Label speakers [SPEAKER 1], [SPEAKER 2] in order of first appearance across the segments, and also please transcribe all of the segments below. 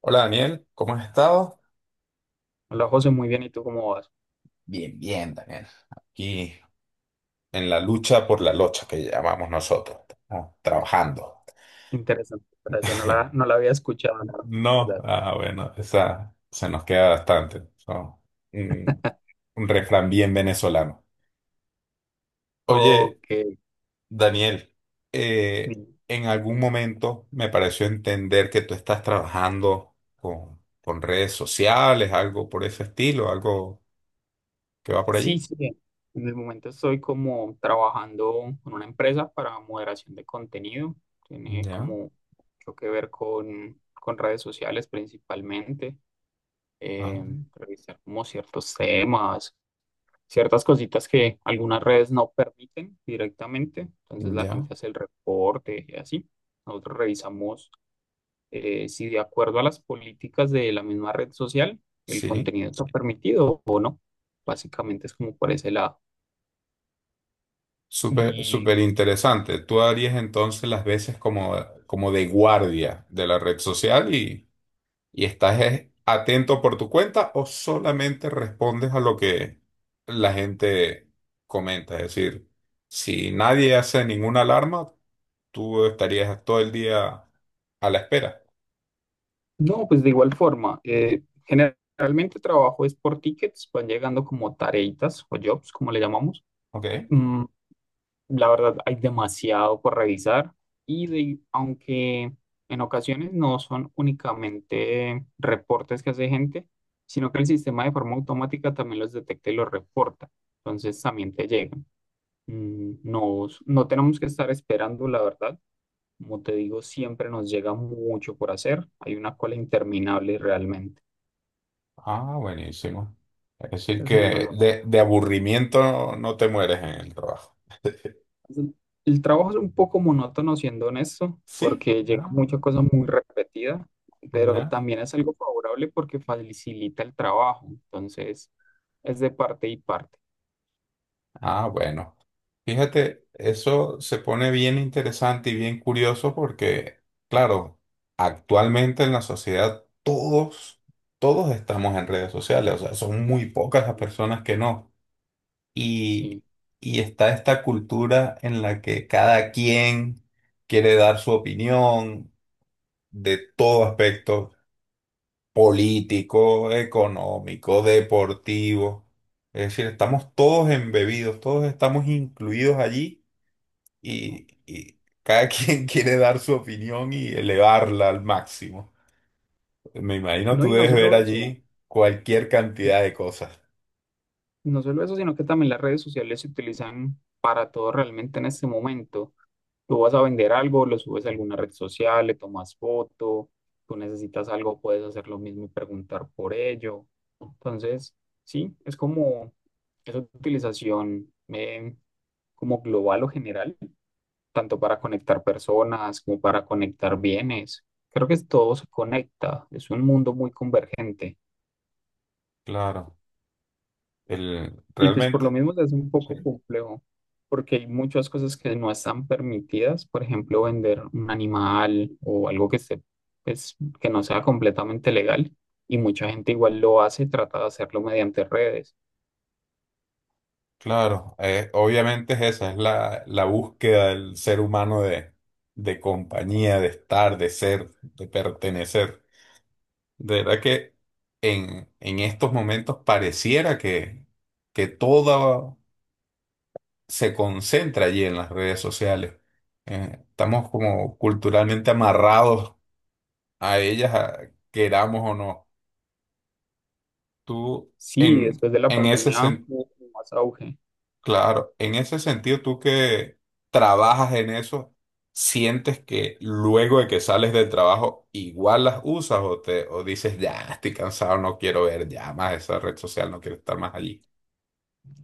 [SPEAKER 1] Hola Daniel, ¿cómo has estado?
[SPEAKER 2] Hola José, muy bien. ¿Y tú cómo vas?
[SPEAKER 1] Bien, bien, Daniel. Aquí en la lucha por la locha que llamamos nosotros, estamos trabajando.
[SPEAKER 2] Interesante frase. No la, no la había escuchado, la
[SPEAKER 1] No,
[SPEAKER 2] verdad.
[SPEAKER 1] bueno, esa se nos queda bastante, ¿no? un, un refrán bien venezolano. Oye,
[SPEAKER 2] Ok.
[SPEAKER 1] Daniel, eh,
[SPEAKER 2] Bien.
[SPEAKER 1] en algún momento me pareció entender que tú estás trabajando con redes sociales, algo por ese estilo, algo que va por allí.
[SPEAKER 2] Sí, sí. Bien. En el momento estoy como trabajando con una empresa para moderación de contenido. Tiene
[SPEAKER 1] Ya,
[SPEAKER 2] como mucho que ver con redes sociales principalmente.
[SPEAKER 1] ah,
[SPEAKER 2] Revisar como ciertos temas, ciertas cositas que algunas redes no permiten directamente. Entonces la
[SPEAKER 1] ya,
[SPEAKER 2] gente hace el reporte y así. Nosotros revisamos. Si de acuerdo a las políticas de la misma red social, el
[SPEAKER 1] sí.
[SPEAKER 2] contenido está permitido o no. Básicamente es como por ese lado.
[SPEAKER 1] Súper,
[SPEAKER 2] Y
[SPEAKER 1] súper interesante. Tú harías entonces las veces como de guardia de la red social y estás atento por tu cuenta, o solamente respondes a lo que la gente comenta. Es decir, si nadie hace ninguna alarma, tú estarías todo el día a la espera.
[SPEAKER 2] no, pues de igual forma, generalmente trabajo es por tickets, van llegando como tareitas o jobs, como le llamamos.
[SPEAKER 1] Ok.
[SPEAKER 2] Mm, la verdad, hay demasiado por revisar y aunque en ocasiones no son únicamente reportes que hace gente, sino que el sistema de forma automática también los detecta y los reporta. Entonces también te llegan. No, no tenemos que estar esperando, la verdad. Como te digo, siempre nos llega mucho por hacer. Hay una cola interminable realmente.
[SPEAKER 1] Ah, buenísimo. Es decir,
[SPEAKER 2] Entonces, ahí no
[SPEAKER 1] que
[SPEAKER 2] lo-
[SPEAKER 1] de aburrimiento no te mueres en el trabajo.
[SPEAKER 2] El trabajo es un poco monótono, siendo honesto,
[SPEAKER 1] Sí.
[SPEAKER 2] porque llega
[SPEAKER 1] Ah,
[SPEAKER 2] mucha cosa muy repetida, pero
[SPEAKER 1] ya.
[SPEAKER 2] también es algo favorable porque facilita el trabajo. Entonces, es de parte y parte.
[SPEAKER 1] Ah, bueno. Fíjate, eso se pone bien interesante y bien curioso porque, claro, actualmente en la sociedad todos estamos en redes sociales, o sea, son muy pocas las personas que no.
[SPEAKER 2] Sí.
[SPEAKER 1] Y, y está esta cultura en la que cada quien quiere dar su opinión de todo aspecto político, económico, deportivo. Es decir, estamos todos embebidos, todos estamos incluidos allí y cada quien quiere dar su opinión y elevarla al máximo. Me imagino
[SPEAKER 2] No,
[SPEAKER 1] tú
[SPEAKER 2] y no
[SPEAKER 1] debes ver
[SPEAKER 2] solo eso.
[SPEAKER 1] allí cualquier cantidad de cosas.
[SPEAKER 2] No solo eso, sino que también las redes sociales se utilizan para todo realmente en este momento. Tú vas a vender algo, lo subes a alguna red social, le tomas foto, tú necesitas algo, puedes hacer lo mismo y preguntar por ello. Entonces, sí, es como esa utilización, como global o general, tanto para conectar personas como para conectar bienes. Creo que todo se conecta, es un mundo muy convergente.
[SPEAKER 1] Claro,
[SPEAKER 2] Y pues por lo
[SPEAKER 1] realmente,
[SPEAKER 2] mismo es un
[SPEAKER 1] sí,
[SPEAKER 2] poco complejo, porque hay muchas cosas que no están permitidas, por ejemplo, vender un animal o algo que esté, pues, que no sea completamente legal, y mucha gente igual lo hace, trata de hacerlo mediante redes.
[SPEAKER 1] claro, obviamente es esa, es la búsqueda del ser humano de compañía, de estar, de ser, de pertenecer. De verdad que en estos momentos pareciera que toda se concentra allí en las redes sociales. Estamos como culturalmente amarrados a ellas, queramos o no. Tú,
[SPEAKER 2] Sí,
[SPEAKER 1] en,
[SPEAKER 2] después de la
[SPEAKER 1] en ese
[SPEAKER 2] pandemia
[SPEAKER 1] sen-
[SPEAKER 2] hubo como más auge.
[SPEAKER 1] claro, en ese sentido, tú que trabajas en eso, ¿sientes que luego de que sales del trabajo igual las usas, o te, o dices, ya, estoy cansado, no quiero ver ya más esa red social, no quiero estar más allí?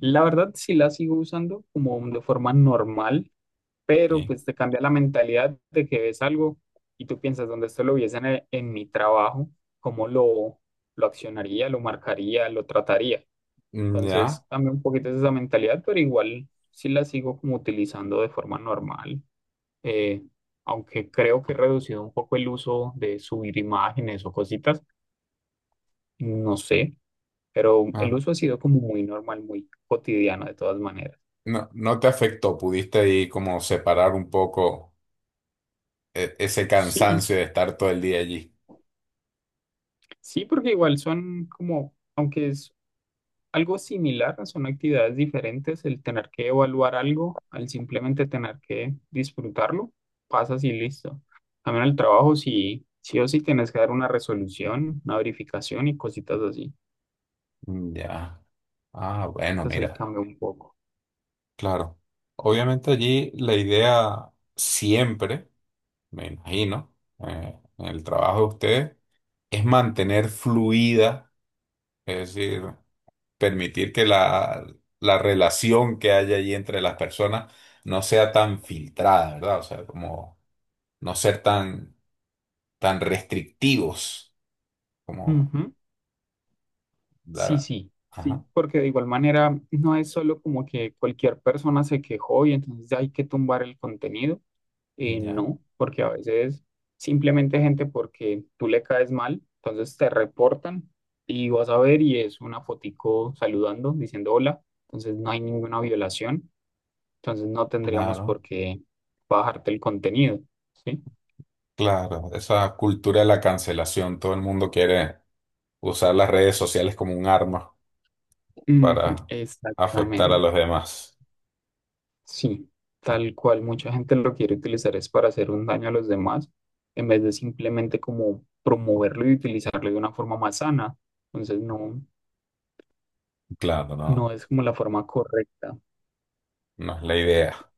[SPEAKER 2] La verdad sí la sigo usando como de forma normal, pero
[SPEAKER 1] Sí.
[SPEAKER 2] pues te cambia la mentalidad de que ves algo y tú piensas, donde esto lo viesen en mi trabajo, ¿cómo lo accionaría, lo marcaría, lo trataría?
[SPEAKER 1] Mm,
[SPEAKER 2] Entonces
[SPEAKER 1] ya.
[SPEAKER 2] cambia un poquito esa mentalidad, pero igual sí la sigo como utilizando de forma normal, eh, aunque creo que he reducido un poco el uso de subir imágenes o cositas, no sé, pero el
[SPEAKER 1] Ah,
[SPEAKER 2] uso ha sido como muy normal, muy cotidiano de todas maneras.
[SPEAKER 1] no, no te afectó, pudiste ahí como separar un poco ese
[SPEAKER 2] Sí,
[SPEAKER 1] cansancio de estar todo el día allí.
[SPEAKER 2] sí, porque igual son como, aunque es algo similar, son actividades diferentes, el tener que evaluar algo, al simplemente tener que disfrutarlo, pasas y listo. También el trabajo, si sí, sí o sí tienes que dar una resolución, una verificación y cositas así.
[SPEAKER 1] Mm, ya. Ah, bueno,
[SPEAKER 2] Entonces ahí
[SPEAKER 1] mira,
[SPEAKER 2] cambia un poco.
[SPEAKER 1] claro. Obviamente allí la idea siempre, me imagino, en el trabajo de ustedes, es mantener fluida, es decir, permitir que la relación que haya allí entre las personas no sea tan filtrada, ¿verdad? O sea, como no ser tan, tan restrictivos, como
[SPEAKER 2] Ujú. Sí,
[SPEAKER 1] dar...
[SPEAKER 2] sí,
[SPEAKER 1] Ajá,
[SPEAKER 2] sí, porque de igual manera no es solo como que cualquier persona se quejó y entonces ya hay que tumbar el contenido.
[SPEAKER 1] ya,
[SPEAKER 2] No, porque a veces simplemente gente porque tú le caes mal, entonces te reportan y vas a ver y es una fotico saludando, diciendo hola, entonces no hay ninguna violación, entonces no tendríamos
[SPEAKER 1] claro.
[SPEAKER 2] por qué bajarte el contenido, ¿sí?
[SPEAKER 1] Claro, esa cultura de la cancelación, todo el mundo quiere usar las redes sociales como un arma
[SPEAKER 2] Ujú,
[SPEAKER 1] para afectar a
[SPEAKER 2] exactamente,
[SPEAKER 1] los demás.
[SPEAKER 2] sí, tal cual mucha gente lo quiere utilizar es para hacer un daño a los demás, en vez de simplemente como promoverlo y utilizarlo de una forma más sana, entonces no,
[SPEAKER 1] Claro, no,
[SPEAKER 2] no es como la forma correcta.
[SPEAKER 1] no es la idea.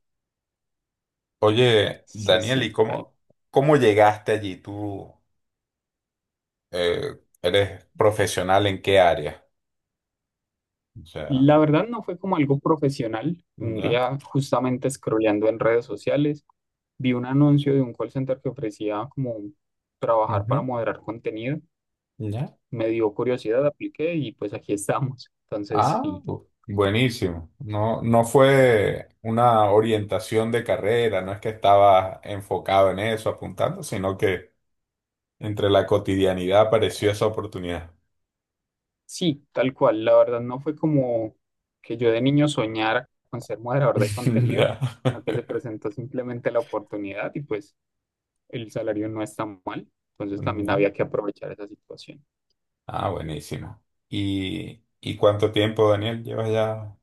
[SPEAKER 1] Oye,
[SPEAKER 2] Sí,
[SPEAKER 1] Daniel, ¿y
[SPEAKER 2] sí, tal.
[SPEAKER 1] cómo, cómo llegaste allí? ¿Tú eres profesional en qué área? O sea,
[SPEAKER 2] La verdad no fue como algo profesional. Un
[SPEAKER 1] ya,
[SPEAKER 2] día, justamente scrolleando en redes sociales, vi un anuncio de un call center que ofrecía como trabajar para
[SPEAKER 1] ujú,
[SPEAKER 2] moderar contenido.
[SPEAKER 1] ya.
[SPEAKER 2] Me dio curiosidad, apliqué y pues aquí estamos. Entonces,
[SPEAKER 1] Ah,
[SPEAKER 2] sí,
[SPEAKER 1] buenísimo. No, no fue una orientación de carrera, no es que estaba enfocado en eso, apuntando, sino que entre la cotidianidad apareció esa oportunidad.
[SPEAKER 2] sí, tal cual. La verdad no fue como que yo de niño soñara con ser moderador de contenido,
[SPEAKER 1] Ya.
[SPEAKER 2] sino que se presentó simplemente la oportunidad y pues el salario no está mal. Entonces también
[SPEAKER 1] Ya.
[SPEAKER 2] había que aprovechar esa situación.
[SPEAKER 1] Ah, buenísimo. Y cuánto tiempo, Daniel, llevas ya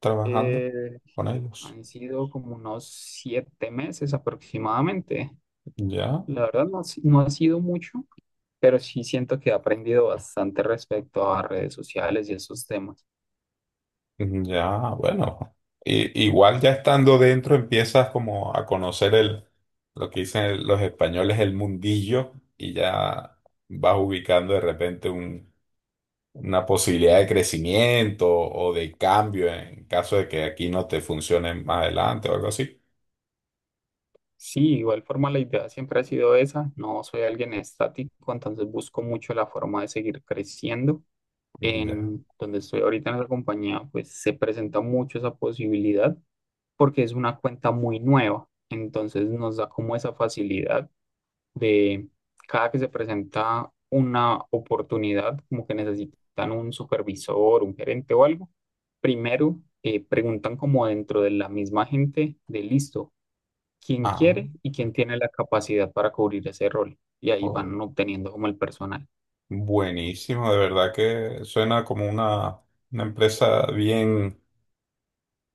[SPEAKER 1] trabajando
[SPEAKER 2] Eh,
[SPEAKER 1] con ellos?
[SPEAKER 2] Han sido como unos 7 meses aproximadamente.
[SPEAKER 1] Ya,
[SPEAKER 2] La verdad no, ha si- no ha sido mucho, pero sí siento que he aprendido bastante respecto a redes sociales y esos temas.
[SPEAKER 1] ya, bueno. Igual ya estando dentro empiezas como a conocer lo que dicen los españoles, el mundillo, y ya vas ubicando de repente un una posibilidad de crecimiento o de cambio en caso de que aquí no te funcione más adelante o algo así.
[SPEAKER 2] Sí, igual forma la idea siempre ha sido esa. No soy alguien estático, entonces busco mucho la forma de seguir creciendo.
[SPEAKER 1] Ya.
[SPEAKER 2] En donde estoy ahorita en la compañía, pues se presenta mucho esa posibilidad porque es una cuenta muy nueva. Entonces nos da como esa facilidad de cada que se presenta una oportunidad, como que necesitan un supervisor, un gerente o algo, primero preguntan como dentro de la misma gente de listo, quién
[SPEAKER 1] Ah,
[SPEAKER 2] quiere y quién tiene la capacidad para cubrir ese rol. Y ahí
[SPEAKER 1] joder.
[SPEAKER 2] van obteniendo como el personal.
[SPEAKER 1] Buenísimo, de verdad que suena como una empresa bien,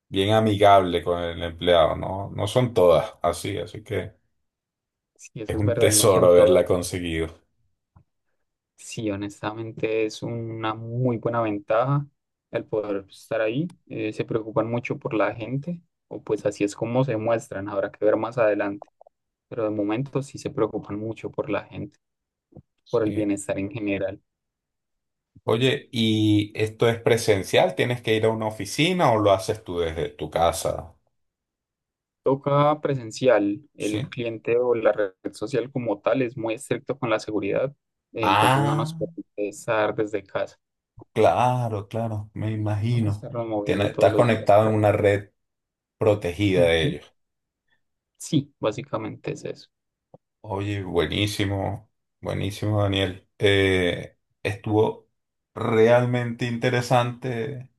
[SPEAKER 1] bien amigable con el empleado, ¿no? No son todas así, así que
[SPEAKER 2] Si
[SPEAKER 1] es
[SPEAKER 2] eso es
[SPEAKER 1] un
[SPEAKER 2] verdad, no
[SPEAKER 1] tesoro
[SPEAKER 2] son todas.
[SPEAKER 1] haberla conseguido.
[SPEAKER 2] Sí, honestamente es una muy buena ventaja el poder estar ahí. Se preocupan mucho por la gente, o pues así es como se muestran. Habrá que ver más adelante. Pero de momento sí se preocupan mucho por la gente, por el
[SPEAKER 1] Sí.
[SPEAKER 2] bienestar en general.
[SPEAKER 1] Oye, ¿y esto es presencial? ¿Tienes que ir a una oficina o lo haces tú desde tu casa?
[SPEAKER 2] Toca presencial, el
[SPEAKER 1] Sí.
[SPEAKER 2] cliente o la red social como tal es muy estricto con la seguridad, entonces no nos
[SPEAKER 1] Ah.
[SPEAKER 2] permite estar desde casa,
[SPEAKER 1] Claro, claro, me
[SPEAKER 2] para
[SPEAKER 1] imagino.
[SPEAKER 2] estarnos moviendo todos
[SPEAKER 1] Estás
[SPEAKER 2] los días
[SPEAKER 1] conectado
[SPEAKER 2] para
[SPEAKER 1] en
[SPEAKER 2] allá.
[SPEAKER 1] una red protegida de
[SPEAKER 2] Ujú.
[SPEAKER 1] ellos.
[SPEAKER 2] Sí, básicamente es eso.
[SPEAKER 1] Oye, buenísimo, buenísimo, Daniel. Estuvo realmente interesante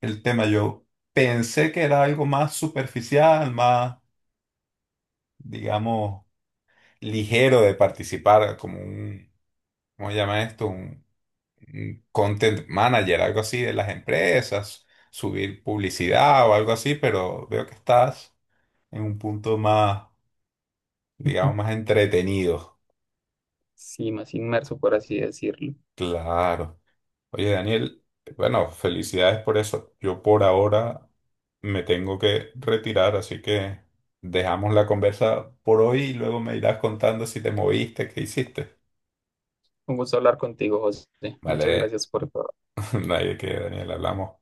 [SPEAKER 1] el tema. Yo pensé que era algo más superficial, más, digamos, ligero de participar, como un, ¿cómo se llama esto? Un content manager, algo así de las empresas, subir publicidad o algo así, pero veo que estás en un punto más, digamos, más entretenido.
[SPEAKER 2] Sí, más inmerso, por así decirlo.
[SPEAKER 1] Claro. Oye, Daniel, bueno, felicidades por eso. Yo por ahora me tengo que retirar, así que dejamos la conversa por hoy y luego me irás contando si te moviste, qué hiciste.
[SPEAKER 2] Un gusto hablar contigo, José. Muchas
[SPEAKER 1] Vale,
[SPEAKER 2] gracias por todo.
[SPEAKER 1] nadie que Daniel, hablamos.